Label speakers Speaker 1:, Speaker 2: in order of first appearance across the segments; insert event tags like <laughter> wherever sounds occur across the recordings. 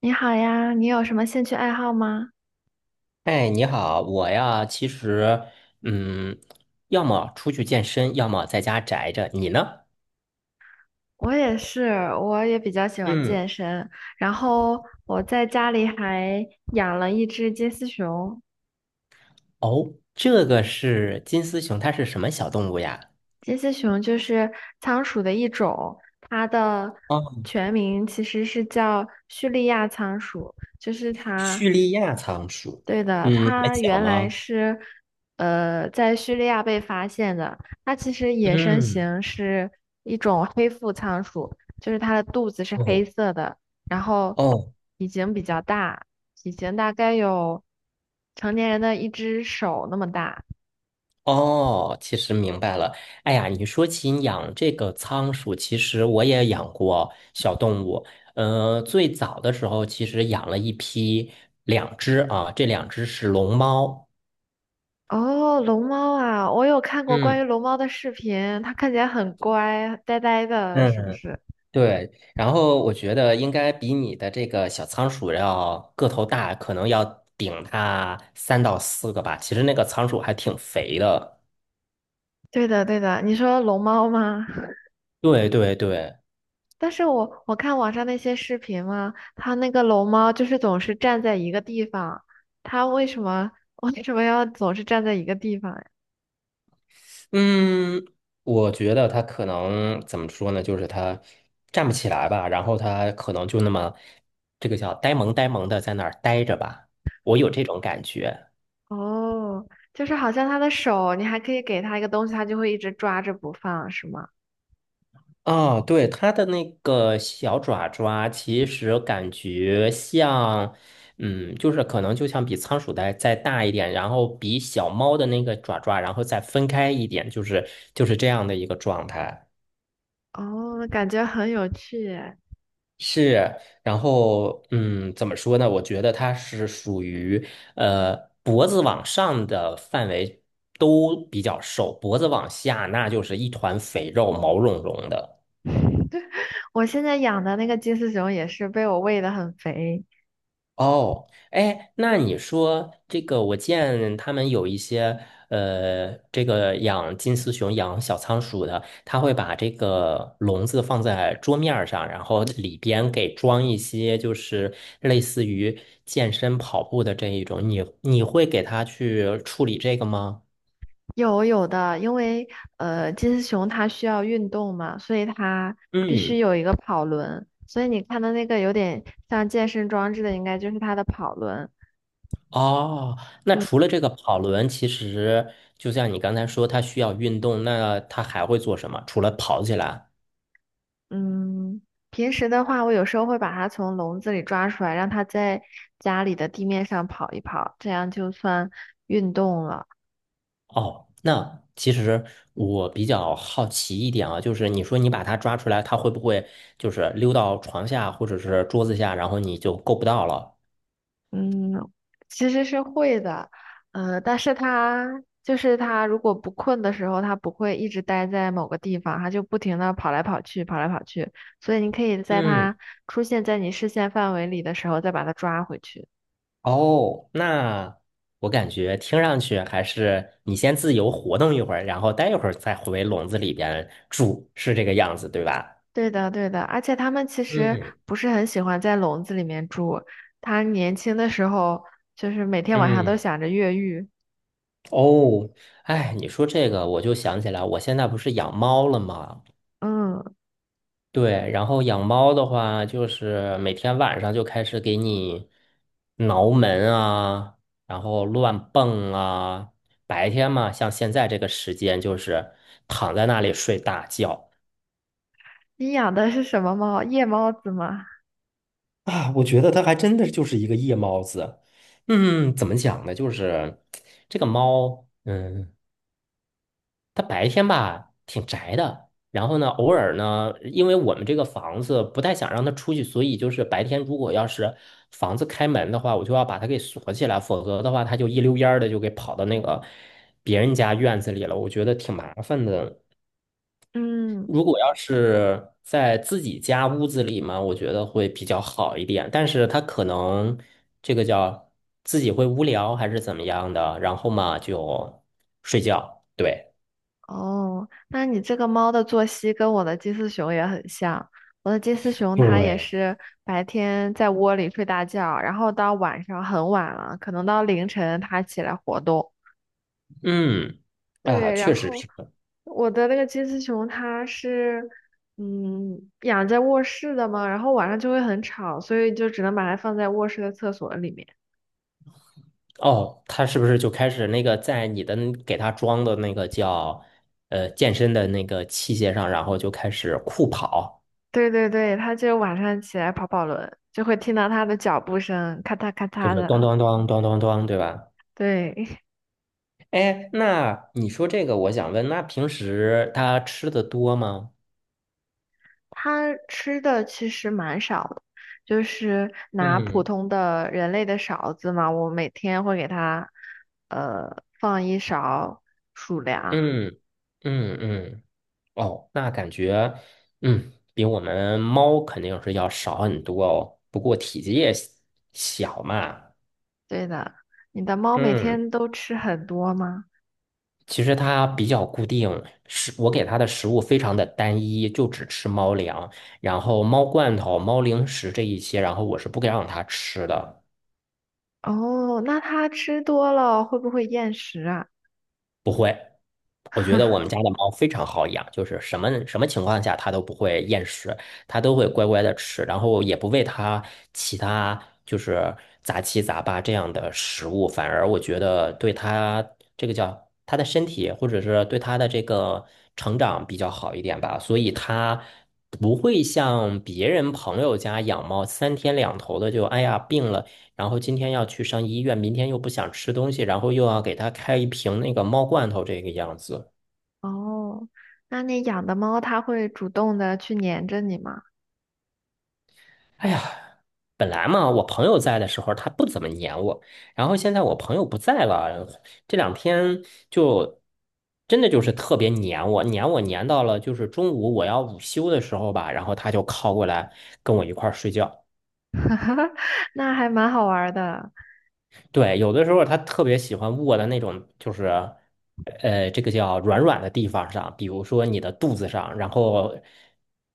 Speaker 1: 你好呀，你有什么兴趣爱好吗？
Speaker 2: 哎，你好，我呀，其实，嗯，要么出去健身，要么在家宅着。你呢？
Speaker 1: 我也是，我也比较喜欢
Speaker 2: 嗯。
Speaker 1: 健身，然后我在家里还养了一只金丝熊。
Speaker 2: 哦，这个是金丝熊，它是什么小动物呀？
Speaker 1: 金丝熊就是仓鼠的一种，它的
Speaker 2: 哦，
Speaker 1: 全名其实是叫叙利亚仓鼠，就是它
Speaker 2: 叙利亚仓鼠。
Speaker 1: 对的，
Speaker 2: 嗯，很
Speaker 1: 它
Speaker 2: 小
Speaker 1: 原来
Speaker 2: 吗？
Speaker 1: 是在叙利亚被发现的。它其实野生
Speaker 2: 嗯。
Speaker 1: 型是一种黑腹仓鼠，就是它的肚子是
Speaker 2: 哦
Speaker 1: 黑色的，然后
Speaker 2: 哦
Speaker 1: 体型比较大，体型大概有成年人的一只手那么大。
Speaker 2: 哦，其实明白了。哎呀，你说起养这个仓鼠，其实我也养过小动物。最早的时候，其实养了一批，两只啊，这两只是龙猫。
Speaker 1: 哦，龙猫啊，我有看过关于
Speaker 2: 嗯。
Speaker 1: 龙猫的视频，它看起来很乖，呆呆的，是不
Speaker 2: 嗯，
Speaker 1: 是？
Speaker 2: 对，然后我觉得应该比你的这个小仓鼠要个头大，可能要顶它三到四个吧。其实那个仓鼠还挺肥的。
Speaker 1: 对的，对的，你说龙猫吗？
Speaker 2: 对对对。
Speaker 1: 但是我看网上那些视频嘛，它那个龙猫就是总是站在一个地方，它为什么 <laughs> 为什么要总是站在一个地方呀？
Speaker 2: 嗯，我觉得它可能怎么说呢，就是它站不起来吧，然后它可能就那么这个叫呆萌呆萌的在那儿呆着吧，我有这种感觉。
Speaker 1: 哦，就是好像它的手，你还可以给它一个东西，它就会一直抓着不放，是吗？
Speaker 2: 啊，对，它的那个小爪爪，其实感觉像，嗯，就是可能就像比仓鼠的再大一点，然后比小猫的那个爪爪，然后再分开一点，就是这样的一个状态。
Speaker 1: 哦，感觉很有趣耶。
Speaker 2: 是，然后嗯，怎么说呢？我觉得它是属于呃脖子往上的范围都比较瘦，脖子往下那就是一团肥肉，毛茸茸的。
Speaker 1: 我现在养的那个金丝熊也是被我喂得很肥。
Speaker 2: 哦。哎，那你说这个，我见他们有一些这个养金丝熊、养小仓鼠的，他会把这个笼子放在桌面儿上，然后里边给装一些就是类似于健身跑步的这一种，你会给他去处理这个吗？
Speaker 1: 有的，因为金丝熊它需要运动嘛，所以它必须
Speaker 2: 嗯。
Speaker 1: 有一个跑轮。所以你看的那个有点像健身装置的，应该就是它的跑轮。
Speaker 2: 哦，那
Speaker 1: 对，
Speaker 2: 除了这个跑轮，其实就像你刚才说，它需要运动，那它还会做什么？除了跑起来？
Speaker 1: 嗯，平时的话，我有时候会把它从笼子里抓出来，让它在家里的地面上跑一跑，这样就算运动了。
Speaker 2: 哦，那其实我比较好奇一点啊，就是你说你把它抓出来，它会不会就是溜到床下或者是桌子下，然后你就够不到了？
Speaker 1: 嗯，其实是会的，但是它，如果不困的时候，它不会一直待在某个地方，它就不停的跑来跑去，跑来跑去，所以你可以在
Speaker 2: 嗯。
Speaker 1: 它出现在你视线范围里的时候，再把它抓回去。
Speaker 2: 哦，那我感觉听上去还是你先自由活动一会儿，然后待一会儿再回笼子里边住，是这个样子，对吧？
Speaker 1: 对的，对的，而且它们其实
Speaker 2: 嗯
Speaker 1: 不是很喜欢在笼子里面住，它年轻的时候就是每天晚上都
Speaker 2: 嗯。
Speaker 1: 想着越狱。
Speaker 2: 哦，哎，你说这个我就想起来，我现在不是养猫了吗？
Speaker 1: 嗯，
Speaker 2: 对，然后养猫的话，就是每天晚上就开始给你挠门啊，然后乱蹦啊。白天嘛，像现在这个时间，就是躺在那里睡大觉。
Speaker 1: 你养的是什么猫？夜猫子吗？
Speaker 2: 啊，我觉得它还真的就是一个夜猫子。嗯，怎么讲呢？就是这个猫，嗯。他白天吧挺宅的，然后呢，偶尔呢，因为我们这个房子不太想让他出去，所以就是白天如果要是房子开门的话，我就要把它给锁起来，否则的话，他就一溜烟儿的就给跑到那个别人家院子里了，我觉得挺麻烦的。
Speaker 1: 嗯。
Speaker 2: 如果要是在自己家屋子里嘛，我觉得会比较好一点，但是他可能这个叫自己会无聊还是怎么样的，然后嘛就睡觉，对。
Speaker 1: 哦，那你这个猫的作息跟我的金丝熊也很像。我的金丝熊它也
Speaker 2: 对。
Speaker 1: 是白天在窝里睡大觉，然后到晚上很晚了，可能到凌晨它起来活动。
Speaker 2: 嗯，啊，
Speaker 1: 对，
Speaker 2: 确
Speaker 1: 然
Speaker 2: 实
Speaker 1: 后
Speaker 2: 平衡
Speaker 1: 我的那个金丝熊它是，嗯，养在卧室的嘛，然后晚上就会很吵，所以就只能把它放在卧室的厕所里面。
Speaker 2: 哦，他是不是就开始那个在你的那给他装的那个叫健身的那个器械上，然后就开始酷跑，
Speaker 1: 对对对，它就晚上起来跑跑轮，就会听到它的脚步声，咔嚓咔
Speaker 2: 就
Speaker 1: 嚓
Speaker 2: 是咚
Speaker 1: 的。
Speaker 2: 咚咚咚咚咚，对吧？
Speaker 1: 对。
Speaker 2: 哎，那你说这个，我想问，那平时他吃的多吗？
Speaker 1: 它吃的其实蛮少的，就是拿普
Speaker 2: 嗯
Speaker 1: 通的人类的勺子嘛，我每天会给它放一勺鼠粮。
Speaker 2: 嗯嗯，哦，那感觉嗯比我们猫肯定是要少很多哦，不过体积也小嘛。
Speaker 1: 对的，你的猫每
Speaker 2: 嗯。
Speaker 1: 天都吃很多吗？
Speaker 2: 其实它比较固定，食我给它的食物非常的单一，就只吃猫粮，然后猫罐头、猫零食这一些，然后我是不给让它吃的。
Speaker 1: 哦，那它吃多了会不会厌食啊？
Speaker 2: 我觉得我们家的猫非常好养，就是什么什么情况下它都不会厌食，它都会乖乖的吃，然后也不喂它其他就是杂七杂八这样的食物，反而我觉得对它这个叫它的身体或者是对它的这个成长比较好一点吧，所以它不会像别人朋友家养猫三天两头的就哎呀病了。然后今天要去上医院，明天又不想吃东西，然后又要给它开一瓶那个猫罐头，这个样子。
Speaker 1: 哦，那你养的猫它会主动的去粘着你吗？
Speaker 2: 哎呀，本来嘛，我朋友在的时候他不怎么黏我，然后现在我朋友不在了，这两天就真的就是特别黏我，黏我黏到了就是中午我要午休的时候吧，然后他就靠过来跟我一块儿睡觉。
Speaker 1: <laughs> 那还蛮好玩儿的。
Speaker 2: 对，有的时候他特别喜欢卧在那种就是这个叫软软的地方上，比如说你的肚子上，然后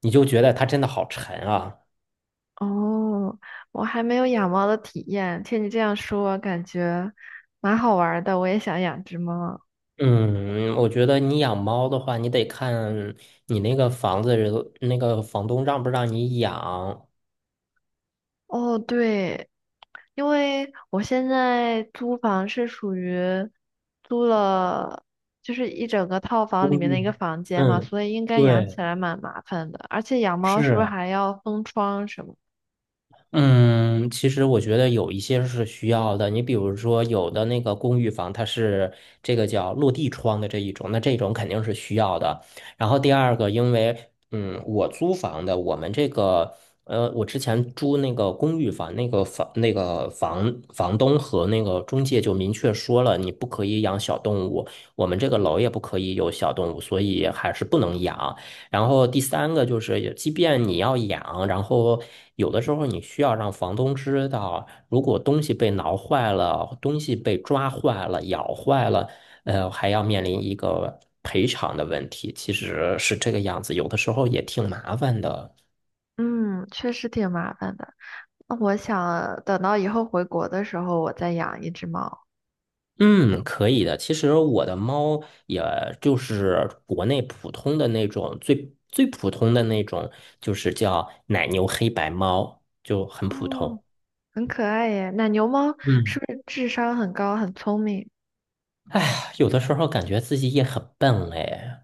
Speaker 2: 你就觉得他真的好沉啊。
Speaker 1: 哦，我还没有养猫的体验，听你这样说，感觉蛮好玩儿的，我也想养只猫。
Speaker 2: 嗯，我觉得你养猫的话，你得看你那个房子那个房东让不让你养
Speaker 1: 哦，对，因为我现在租房是属于租了，就是一整个套房里
Speaker 2: 公
Speaker 1: 面的一
Speaker 2: 寓。
Speaker 1: 个房间嘛，
Speaker 2: 嗯，
Speaker 1: 所以应该养起
Speaker 2: 对，
Speaker 1: 来蛮麻烦的。而且养猫是不是
Speaker 2: 是。
Speaker 1: 还要封窗什么？
Speaker 2: 嗯，其实我觉得有一些是需要的。你比如说，有的那个公寓房，它是这个叫落地窗的这一种，那这种肯定是需要的。然后第二个，因为嗯，我租房的，我们这个我之前租那个公寓房，那个房房东和那个中介就明确说了，你不可以养小动物，我们这个楼也不可以有小动物，所以还是不能养。然后第三个就是，即便你要养，然后有的时候你需要让房东知道，如果东西被挠坏了，东西被抓坏了、咬坏了，还要面临一个赔偿的问题，其实是这个样子，有的时候也挺麻烦的。
Speaker 1: 嗯，确实挺麻烦的。那我想等到以后回国的时候，我再养一只猫。
Speaker 2: 嗯，可以的。其实我的猫也就是国内普通的那种，最最普通的那种，就是叫奶牛黑白猫，就很普
Speaker 1: 哦，
Speaker 2: 通。
Speaker 1: 很可爱耶。奶牛猫
Speaker 2: 嗯。
Speaker 1: 是不是智商很高，很聪明
Speaker 2: 哎呀，有的时候感觉自己也很笨嘞。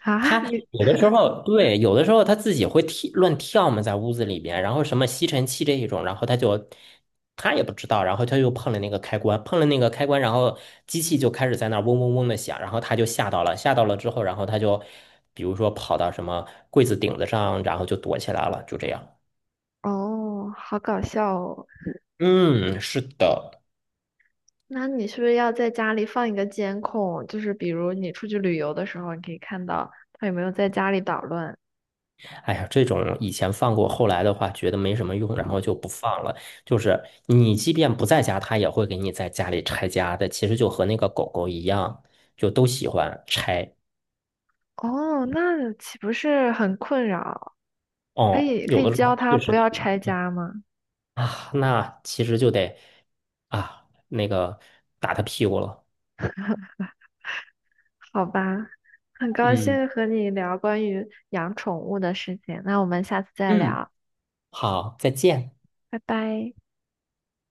Speaker 1: <laughs> 啊？
Speaker 2: 他
Speaker 1: 你
Speaker 2: 有的时候对，有的时候他自己会跳乱跳嘛，在屋子里边，然后什么吸尘器这一种，然后他就他也不知道，然后他又碰了那个开关，碰了那个开关，然后机器就开始在那儿嗡嗡嗡的响，然后他就吓到了，吓到了之后，然后他就比如说跑到什么柜子顶子上，然后就躲起来了，就这样。
Speaker 1: 哦，好搞笑哦。
Speaker 2: 嗯，是的。
Speaker 1: 那你是不是要在家里放一个监控？就是比如你出去旅游的时候，你可以看到它有没有在家里捣乱。
Speaker 2: 哎呀，这种以前放过，后来的话觉得没什么用，然后就不放了。就是你即便不在家，它也会给你在家里拆家的。其实就和那个狗狗一样，就都喜欢拆。
Speaker 1: 哦，那岂不是很困扰？可
Speaker 2: 哦，
Speaker 1: 以可
Speaker 2: 有
Speaker 1: 以
Speaker 2: 的时
Speaker 1: 教
Speaker 2: 候
Speaker 1: 它
Speaker 2: 确实
Speaker 1: 不
Speaker 2: 挺
Speaker 1: 要
Speaker 2: 难
Speaker 1: 拆
Speaker 2: 的
Speaker 1: 家吗？
Speaker 2: 啊。那其实就得啊，那个打它屁股了。
Speaker 1: 好吧，很高
Speaker 2: 嗯
Speaker 1: 兴和你聊关于养宠物的事情。那我们下次再
Speaker 2: 嗯，
Speaker 1: 聊，
Speaker 2: 好，再见。
Speaker 1: 拜拜。